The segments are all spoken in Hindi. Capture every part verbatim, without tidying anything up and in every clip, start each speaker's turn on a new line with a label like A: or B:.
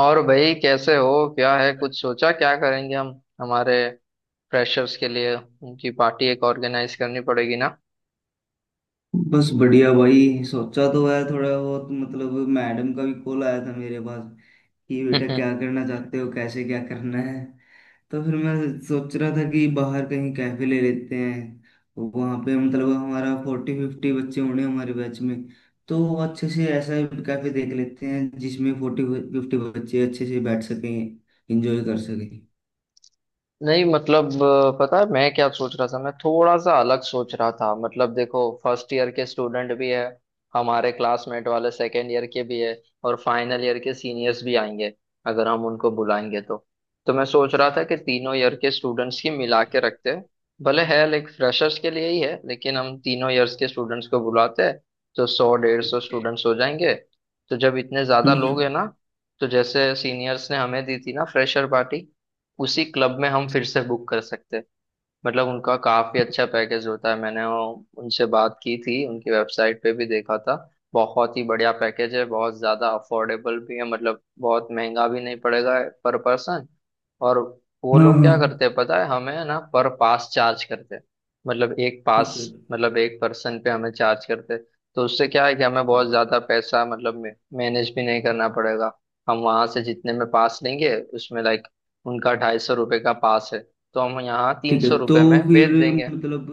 A: और भाई कैसे हो? क्या है, कुछ सोचा क्या करेंगे हम हमारे फ्रेशर्स के लिए? उनकी पार्टी एक ऑर्गेनाइज करनी पड़ेगी ना।
B: बस बढ़िया भाई, सोचा तो है थोड़ा बहुत मतलब। मैडम का भी कॉल आया था मेरे पास कि बेटा क्या करना चाहते हो, कैसे क्या करना है। तो फिर मैं सोच रहा था कि बाहर कहीं कैफे ले लेते हैं। वहाँ पे मतलब हमारा फोर्टी फिफ्टी बच्चे होने हमारे बैच में, तो अच्छे से ऐसा कैफे देख लेते हैं जिसमें फोर्टी फिफ्टी बच्चे अच्छे से बैठ सकें, एंजॉय कर सकें।
A: नहीं मतलब अ, पता है मैं क्या सोच रहा था। मैं थोड़ा सा अलग सोच रहा था। मतलब देखो, फर्स्ट ईयर के स्टूडेंट भी है हमारे क्लासमेट वाले, सेकेंड ईयर के भी है, और फाइनल ईयर के सीनियर्स भी आएंगे अगर हम उनको बुलाएंगे तो। तो मैं सोच रहा था कि तीनों ईयर के स्टूडेंट्स की मिला के रखते हैं। भले है लाइक फ्रेशर्स के लिए ही है, लेकिन हम तीनों ईयर्स के स्टूडेंट्स को बुलाते हैं तो सौ डेढ़ सौ स्टूडेंट्स हो जाएंगे। तो जब इतने ज्यादा लोग हैं
B: हम्म।
A: ना, तो जैसे सीनियर्स ने हमें दी थी ना फ्रेशर पार्टी, उसी क्लब में हम फिर से बुक कर सकते हैं। मतलब उनका काफी अच्छा पैकेज होता है। मैंने वो- उनसे बात की थी, उनकी वेबसाइट पे भी देखा था। बहुत ही बढ़िया पैकेज है, बहुत ज्यादा अफोर्डेबल भी है। मतलब बहुत महंगा भी नहीं पड़ेगा पर पर्सन। और वो
B: हाँ
A: लोग
B: हाँ।
A: क्या करते हैं पता है हमें? ना पर पास चार्ज करते हैं, मतलब एक पास,
B: ठीक है।
A: मतलब एक पर्सन पे हमें चार्ज करते हैं। तो उससे क्या है कि हमें बहुत ज्यादा पैसा मतलब मैनेज भी नहीं करना पड़ेगा। हम वहां से जितने में पास लेंगे उसमें लाइक उनका ढाई सौ रुपये का पास है, तो हम यहाँ तीन
B: ठीक है,
A: सौ
B: तो
A: रुपये में
B: फिर
A: बेच देंगे।
B: मतलब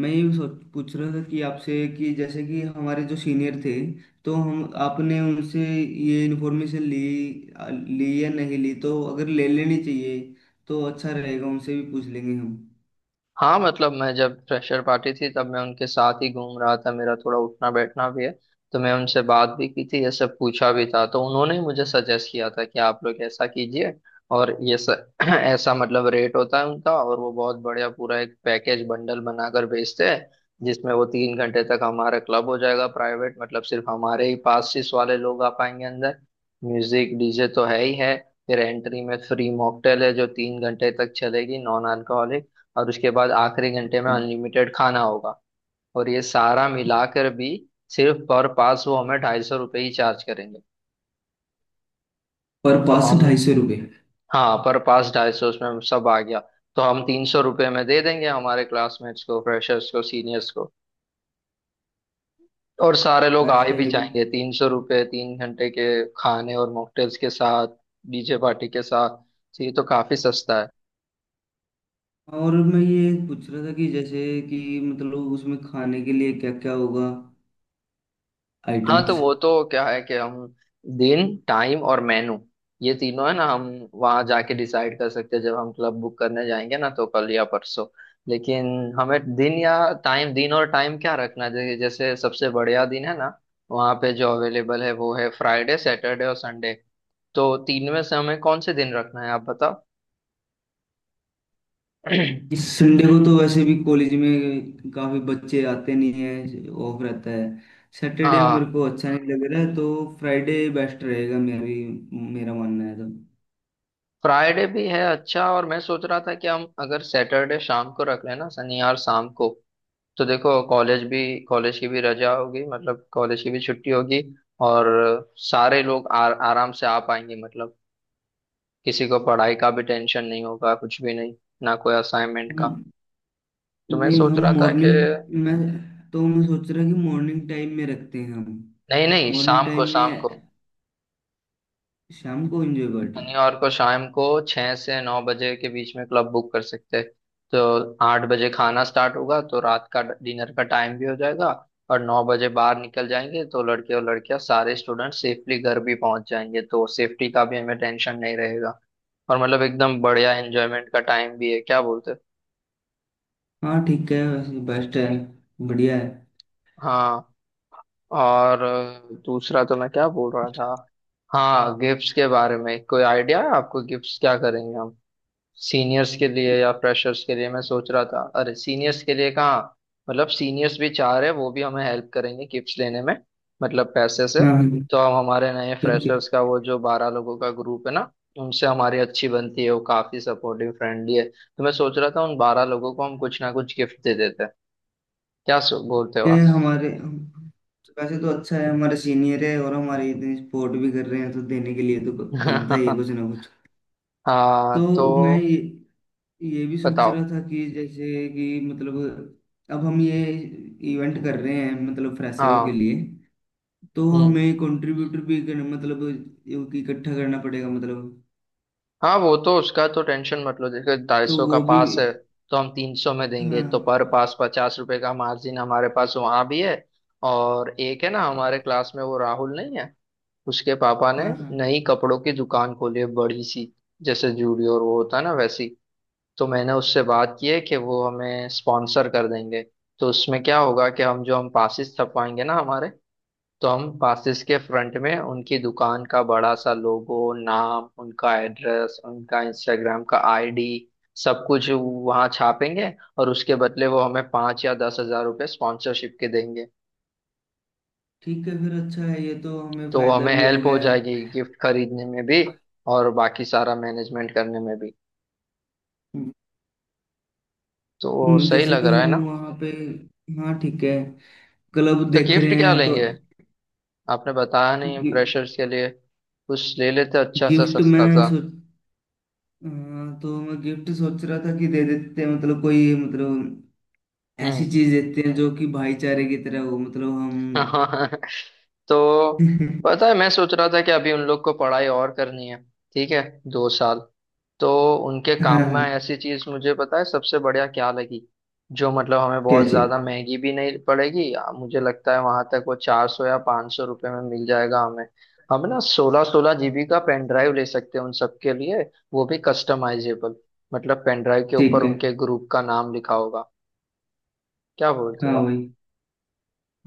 B: मैं ये सोच पूछ रहा था कि आपसे, कि जैसे कि हमारे जो सीनियर थे, तो हम आपने उनसे ये इन्फॉर्मेशन ली, ली या नहीं ली, तो अगर ले लेनी चाहिए तो अच्छा रहेगा, उनसे भी पूछ लेंगे हम।
A: हाँ मतलब मैं जब फ्रेशर पार्टी थी तब मैं उनके साथ ही घूम रहा था, मेरा थोड़ा उठना बैठना भी है। तो मैं उनसे बात भी की थी, ये सब पूछा भी था, तो उन्होंने ही मुझे सजेस्ट किया था कि आप लोग ऐसा कीजिए। और ये स, ऐसा मतलब रेट होता है उनका, और वो बहुत बढ़िया पूरा एक पैकेज बंडल बनाकर बेचते हैं, जिसमें वो तीन घंटे तक हमारा क्लब हो जाएगा प्राइवेट। मतलब सिर्फ हमारे ही पासिस वाले लोग आ पाएंगे अंदर। म्यूजिक डीजे तो है ही है। फिर एंट्री में फ्री मॉकटेल है जो तीन घंटे तक चलेगी, नॉन अल्कोहलिक। और उसके बाद आखिरी घंटे में अनलिमिटेड खाना होगा। और ये सारा मिलाकर भी सिर्फ पर पास वो हमें ढाई सौ रुपये ही चार्ज करेंगे।
B: पर
A: तो
B: पास
A: हम,
B: ढाई सौ रुपये?
A: हाँ पर पास ढाई सौ, उसमें सब आ गया। तो हम तीन सौ रुपये में दे देंगे हमारे क्लासमेट्स को, फ्रेशर्स को, सीनियर्स को। और सारे लोग आए
B: बेस्ट है
A: भी
B: ये भी।
A: जाएंगे। तीन सौ रुपये, तीन घंटे के, खाने और मॉकटेल्स के साथ, डीजे पार्टी के साथ। तो ये तो काफी सस्ता है।
B: और मैं ये पूछ रहा था कि जैसे कि मतलब उसमें खाने के लिए क्या क्या होगा,
A: हाँ, तो
B: आइटम्स।
A: वो तो क्या है कि हम दिन, टाइम और मेनू, ये तीनों है ना, हम वहां जाके डिसाइड कर सकते हैं जब हम क्लब बुक करने जाएंगे ना, तो कल या परसों। लेकिन हमें दिन या टाइम, दिन और टाइम क्या रखना चाहिए। जैसे सबसे बढ़िया दिन है ना, वहाँ पे जो अवेलेबल है वो है फ्राइडे, सैटरडे और संडे। तो तीन में से हमें कौन से दिन रखना है, आप बताओ।
B: इस संडे को तो वैसे भी कॉलेज में काफी बच्चे आते नहीं है, ऑफ रहता है। सैटरडे मेरे
A: हाँ,
B: को अच्छा नहीं लग रहा है, तो फ्राइडे बेस्ट रहेगा, मेरी मेरा मानना है तो।
A: फ्राइडे भी है अच्छा, और मैं सोच रहा था कि हम अगर सैटरडे शाम को रख लें ना, शनिवार शाम को। तो देखो, कॉलेज भी, कॉलेज की भी रजा होगी, मतलब कॉलेज की भी छुट्टी होगी। और सारे लोग आ, आराम से आ पाएंगे। मतलब किसी को पढ़ाई का भी टेंशन नहीं होगा, कुछ भी नहीं, ना कोई असाइनमेंट का।
B: हम-
A: तो मैं
B: नहीं,
A: सोच
B: हम
A: रहा था कि
B: मॉर्निंग, मैं तो मैं सोच रहा कि मॉर्निंग टाइम में रखते हैं हम।
A: नहीं नहीं,
B: मॉर्निंग
A: शाम को,
B: टाइम
A: शाम
B: में,
A: को,
B: शाम को एंजॉय पार्टी।
A: शनिवार को शाम को छह से नौ बजे के बीच में क्लब बुक कर सकते हैं। तो आठ बजे खाना स्टार्ट होगा तो रात का डिनर का टाइम भी हो जाएगा, और नौ बजे बाहर निकल जाएंगे तो लड़के और लड़कियां सारे स्टूडेंट सेफली घर भी पहुंच जाएंगे, तो सेफ्टी का भी हमें टेंशन नहीं रहेगा। और मतलब एकदम बढ़िया एंजॉयमेंट का टाइम भी है, क्या बोलते हो?
B: हाँ ठीक है, वैसे बेस्ट है, बढ़िया है।
A: हाँ। और अ, दूसरा तो मैं क्या बोल रहा था, हाँ, गिफ्ट्स के बारे में कोई आइडिया है आपको? गिफ्ट्स क्या करेंगे हम, सीनियर्स के लिए या फ्रेशर्स के लिए? मैं सोच रहा था अरे सीनियर्स के लिए कहाँ, मतलब सीनियर्स भी चाह रहे हैं, वो भी हमें हेल्प करेंगे गिफ्ट्स लेने में, मतलब पैसे से।
B: हाँ हाँ,
A: तो हम हमारे नए
B: ठीक है।
A: फ्रेशर्स का वो जो बारह लोगों का ग्रुप है ना, उनसे हमारी अच्छी बनती है, वो काफी सपोर्टिव फ्रेंडली है, तो मैं सोच रहा था उन बारह लोगों को हम कुछ ना कुछ गिफ्ट दे देते हैं। क्या सो बोलते हो
B: ये
A: आप?
B: हमारे हम- वैसे तो अच्छा है, हमारे सीनियर है और हमारे इतनी सपोर्ट भी कर रहे हैं, तो देने के लिए तो ब- बनता ही है कुछ ना कुछ।
A: हाँ,
B: तो मैं
A: तो
B: ये ये भी सोच
A: बताओ।
B: रहा था कि जैसे कि मतलब अब हम ये इवेंट कर रहे हैं, मतलब फ्रेशरों के
A: हाँ,
B: लिए, तो
A: हम्म,
B: हमें कंट्रीब्यूटर भी करना, मतलब यो कि इकट्ठा करना पड़ेगा, मतलब
A: हाँ वो तो उसका तो टेंशन मत लो। देखो ढाई
B: तो
A: सौ का
B: वो भी।
A: पास है, तो हम तीन सौ में देंगे,
B: हाँ
A: तो पर
B: हाँ।
A: पास पचास रुपए का मार्जिन हमारे पास वहां भी है। और एक है ना
B: ठीक
A: हमारे
B: है।
A: क्लास में वो राहुल नहीं है, उसके पापा ने
B: हाँ हाँ
A: नई कपड़ों की दुकान खोली है बड़ी सी, जैसे जूडियो और वो होता है ना वैसी। तो मैंने उससे बात की है कि वो हमें स्पॉन्सर कर देंगे। तो उसमें क्या होगा कि हम जो हम पासिस छपवाएंगे ना हमारे, तो हम पासिस के फ्रंट में उनकी दुकान का बड़ा सा लोगो, नाम उनका, एड्रेस उनका, इंस्टाग्राम का आईडी, सब कुछ वहाँ छापेंगे। और उसके बदले वो हमें पाँच या दस हज़ार रुपये स्पॉन्सरशिप के देंगे।
B: ठीक है, फिर अच्छा है, ये तो हमें
A: तो वो
B: फायदा
A: हमें
B: भी हो
A: हेल्प हो
B: गया।
A: जाएगी गिफ्ट खरीदने में भी, और बाकी सारा मैनेजमेंट करने में भी। तो
B: हम्म,
A: सही
B: जैसे
A: लग
B: कि
A: रहा है
B: हम
A: ना?
B: वहाँ पे, हाँ ठीक है, क्लब
A: तो
B: देख रहे
A: गिफ्ट क्या
B: हैं तो।
A: लेंगे आपने बताया नहीं
B: गि,
A: फ्रेशर्स के लिए? कुछ ले लेते अच्छा सा,
B: गिफ्ट
A: सस्ता
B: में
A: सा।
B: सोच हाँ, तो मैं गिफ्ट सोच रहा था कि दे देते हैं, मतलब कोई मतलब ऐसी
A: हम्म।
B: चीज देते हैं जो कि भाईचारे की तरह हो, मतलब हम।
A: हाँ, तो पता है मैं सोच रहा था कि अभी उन लोग को पढ़ाई और करनी है, ठीक है, दो साल। तो उनके
B: हाँ
A: काम में
B: हाँ,
A: ऐसी चीज, मुझे पता है सबसे बढ़िया क्या लगी, जो मतलब हमें
B: क्या
A: बहुत
B: चाहिए?
A: ज्यादा महंगी भी नहीं पड़ेगी, आ, मुझे लगता है वहां तक वो चार सौ या पाँच सौ रुपये में मिल जाएगा हमें। हम ना सोलह सोलह जीबी का पेन ड्राइव ले सकते हैं उन सबके लिए, वो भी कस्टमाइजेबल, मतलब पेन ड्राइव के ऊपर
B: ठीक है।
A: उनके ग्रुप का नाम लिखा होगा। क्या बोलते हो
B: हाँ
A: आप?
B: वही।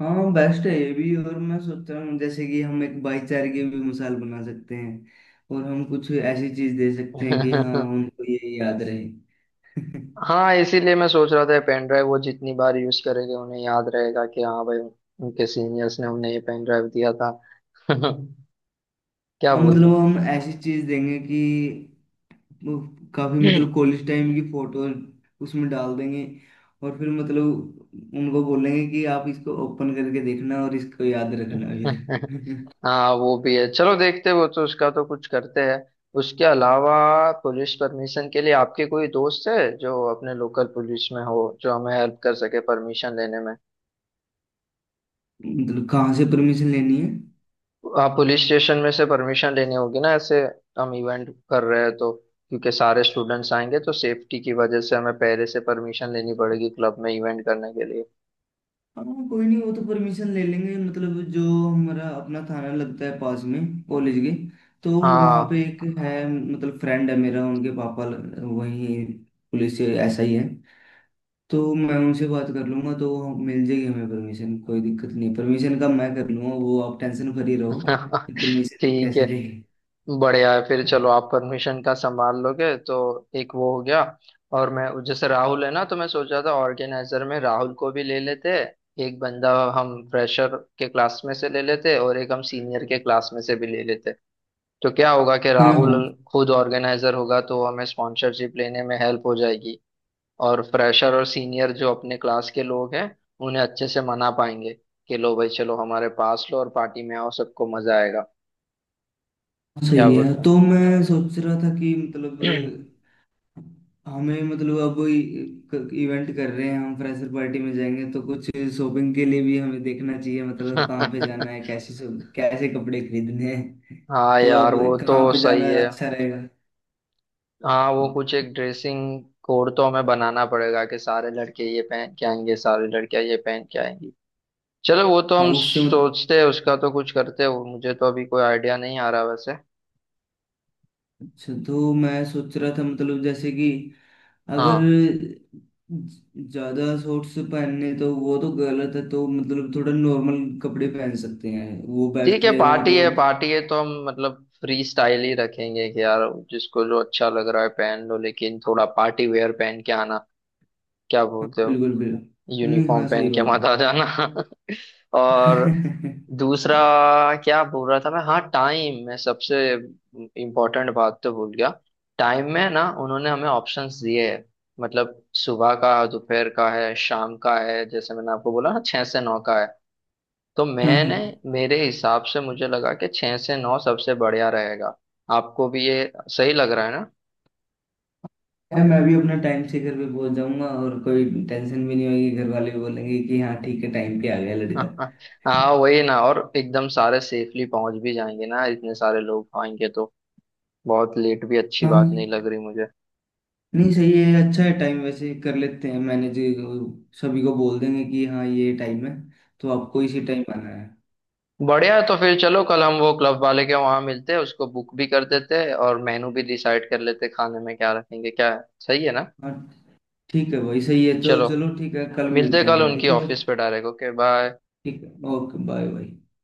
B: हाँ बेस्ट है ये भी, और मैं सोच रहा हूँ जैसे कि हम एक भाईचारे की भी मिसाल बना सकते हैं, और हम कुछ ऐसी चीज दे सकते हैं कि हाँ, उनको ये याद रहे।
A: हाँ, इसीलिए मैं सोच रहा था पेन ड्राइव वो जितनी बार यूज करेंगे उन्हें याद रहेगा कि हाँ भाई, उनके सीनियर्स ने उन्हें ये पेन ड्राइव दिया था। क्या
B: हाँ,
A: बोलते
B: मतलब
A: हो?
B: हम ऐसी चीज देंगे कि वो काफी मतलब कॉलेज टाइम की फोटो उसमें डाल देंगे, और फिर मतलब उनको बोलेंगे कि आप इसको ओपन करके देखना और इसको याद रखना फिर।
A: हाँ वो भी है, चलो देखते हैं, वो तो उसका तो कुछ करते हैं। उसके अलावा पुलिस परमिशन के लिए आपके कोई दोस्त है जो अपने लोकल पुलिस में हो, जो हमें हेल्प कर सके परमिशन लेने में?
B: मतलब कहाँ से परमिशन लेनी है?
A: आप पुलिस स्टेशन में से परमिशन लेनी होगी ना ऐसे, हम इवेंट कर रहे हैं तो, क्योंकि सारे स्टूडेंट्स आएंगे तो सेफ्टी की वजह से हमें पहले से परमिशन लेनी पड़ेगी क्लब में इवेंट करने के लिए।
B: हाँ कोई नहीं, वो तो परमिशन ले लेंगे, मतलब जो हमारा अपना थाना लगता है पास में कॉलेज के, तो वहाँ पे
A: हाँ।
B: एक है, मतलब फ्रेंड है मेरा, उनके पापा ल- वही पुलिस एस आई है। तो मैं उनसे बात कर लूंगा, तो वो मिल जाएगी हमें परमिशन, कोई दिक्कत नहीं, परमिशन का मैं कर लूंगा वो, आप टेंशन फ्री रहो कि परमिशन
A: ठीक
B: कैसे
A: है,
B: लेगी।
A: बढ़िया है फिर। चलो आप परमिशन का संभाल लोगे तो एक वो हो गया। और मैं जैसे राहुल है ना, तो मैं सोचा था ऑर्गेनाइजर में राहुल को भी ले लेते। एक बंदा हम फ्रेशर के क्लास में से ले लेते, और एक हम सीनियर के क्लास में से भी ले लेते। तो क्या होगा कि
B: हाँ
A: राहुल
B: हाँ
A: खुद ऑर्गेनाइजर होगा तो हमें स्पॉन्सरशिप लेने में हेल्प हो जाएगी, और फ्रेशर और सीनियर जो अपने क्लास के लोग हैं उन्हें अच्छे से मना पाएंगे कि लो भाई चलो हमारे पास लो और पार्टी में आओ, सबको मजा आएगा। क्या
B: सही है,
A: बोलते
B: तो मैं सोच रहा था कि मतलब
A: हैं?
B: हमें मतलब अब इवेंट कर रहे हैं हम, फ्रेशर पार्टी में जाएंगे तो कुछ शॉपिंग के लिए भी हमें देखना चाहिए, मतलब कहाँ पे जाना है, कैसे शॉप- कैसे कपड़े खरीदने हैं।
A: हाँ
B: तो
A: यार
B: अब
A: वो तो
B: कहाँ पे
A: सही
B: जाना
A: है।
B: अच्छा रहेगा?
A: हाँ वो कुछ एक ड्रेसिंग कोड तो हमें बनाना पड़ेगा कि सारे लड़के ये पहन के आएंगे, सारे लड़कियां ये पहन के आएंगी। चलो, वो तो
B: हाँ
A: हम
B: उससे
A: सोचते हैं, उसका तो कुछ करते हैं। वो मुझे तो अभी कोई आइडिया नहीं आ रहा वैसे।
B: अच्छा, तो मैं सोच रहा था मतलब जैसे कि अगर
A: हाँ
B: ज्यादा शॉर्ट्स पहनने तो वो तो गलत है, तो मतलब थोड़ा नॉर्मल कपड़े पहन सकते हैं, वो
A: ठीक
B: बेस्ट
A: है
B: रहेगा
A: पार्टी है,
B: मतलब।
A: पार्टी है तो हम मतलब फ्री स्टाइल ही रखेंगे कि यार जिसको जो अच्छा लग रहा है पहन लो, लेकिन थोड़ा पार्टी वेयर पहन के आना। क्या
B: हाँ,
A: बोलते हो?
B: बिल्कुल बिल्कुल नहीं,
A: यूनिफॉर्म
B: हाँ
A: पहन
B: सही
A: के
B: बात है।
A: मत आ जाना। और दूसरा क्या बोल रहा था मैं, हाँ टाइम। मैं सबसे इम्पोर्टेंट बात तो भूल गया। टाइम में ना उन्होंने हमें ऑप्शंस दिए हैं, मतलब सुबह का, दोपहर का है, शाम का है। जैसे मैंने आपको बोला ना छह से नौ का है, तो
B: हाँ हाँ,
A: मैंने, मेरे हिसाब से मुझे लगा कि छह से नौ सबसे बढ़िया रहेगा। आपको भी ये सही लग रहा है ना?
B: यार, मैं भी अपना टाइम से घर पे पहुंच जाऊंगा और कोई टेंशन भी नहीं होगी, घर वाले भी बोलेंगे कि हाँ ठीक है, टाइम पे आ गया लड़का।
A: हाँ वही ना, और एकदम सारे सेफली पहुंच भी जाएंगे ना, इतने सारे लोग आएंगे तो बहुत लेट भी अच्छी बात नहीं
B: हाँ,
A: लग रही मुझे।
B: नहीं सही है, अच्छा है टाइम, वैसे कर लेते हैं मैनेज, सभी को बोल देंगे कि हाँ ये टाइम है, तो आपको इसी टाइम आना है।
A: बढ़िया है, तो फिर चलो कल हम वो क्लब वाले के वहां मिलते हैं, उसको बुक भी कर देते हैं और मेनू भी डिसाइड कर लेते हैं, खाने में क्या रखेंगे क्या है। सही है ना?
B: हाँ ठीक है भाई, सही है, तो
A: चलो
B: चलो ठीक है, कल
A: मिलते हैं
B: मिलते हैं
A: कल
B: फिर,
A: उनकी
B: ठीक है भाई।
A: ऑफिस पे डायरेक्ट। Okay bye.
B: ठीक है, ओके बाय बाय।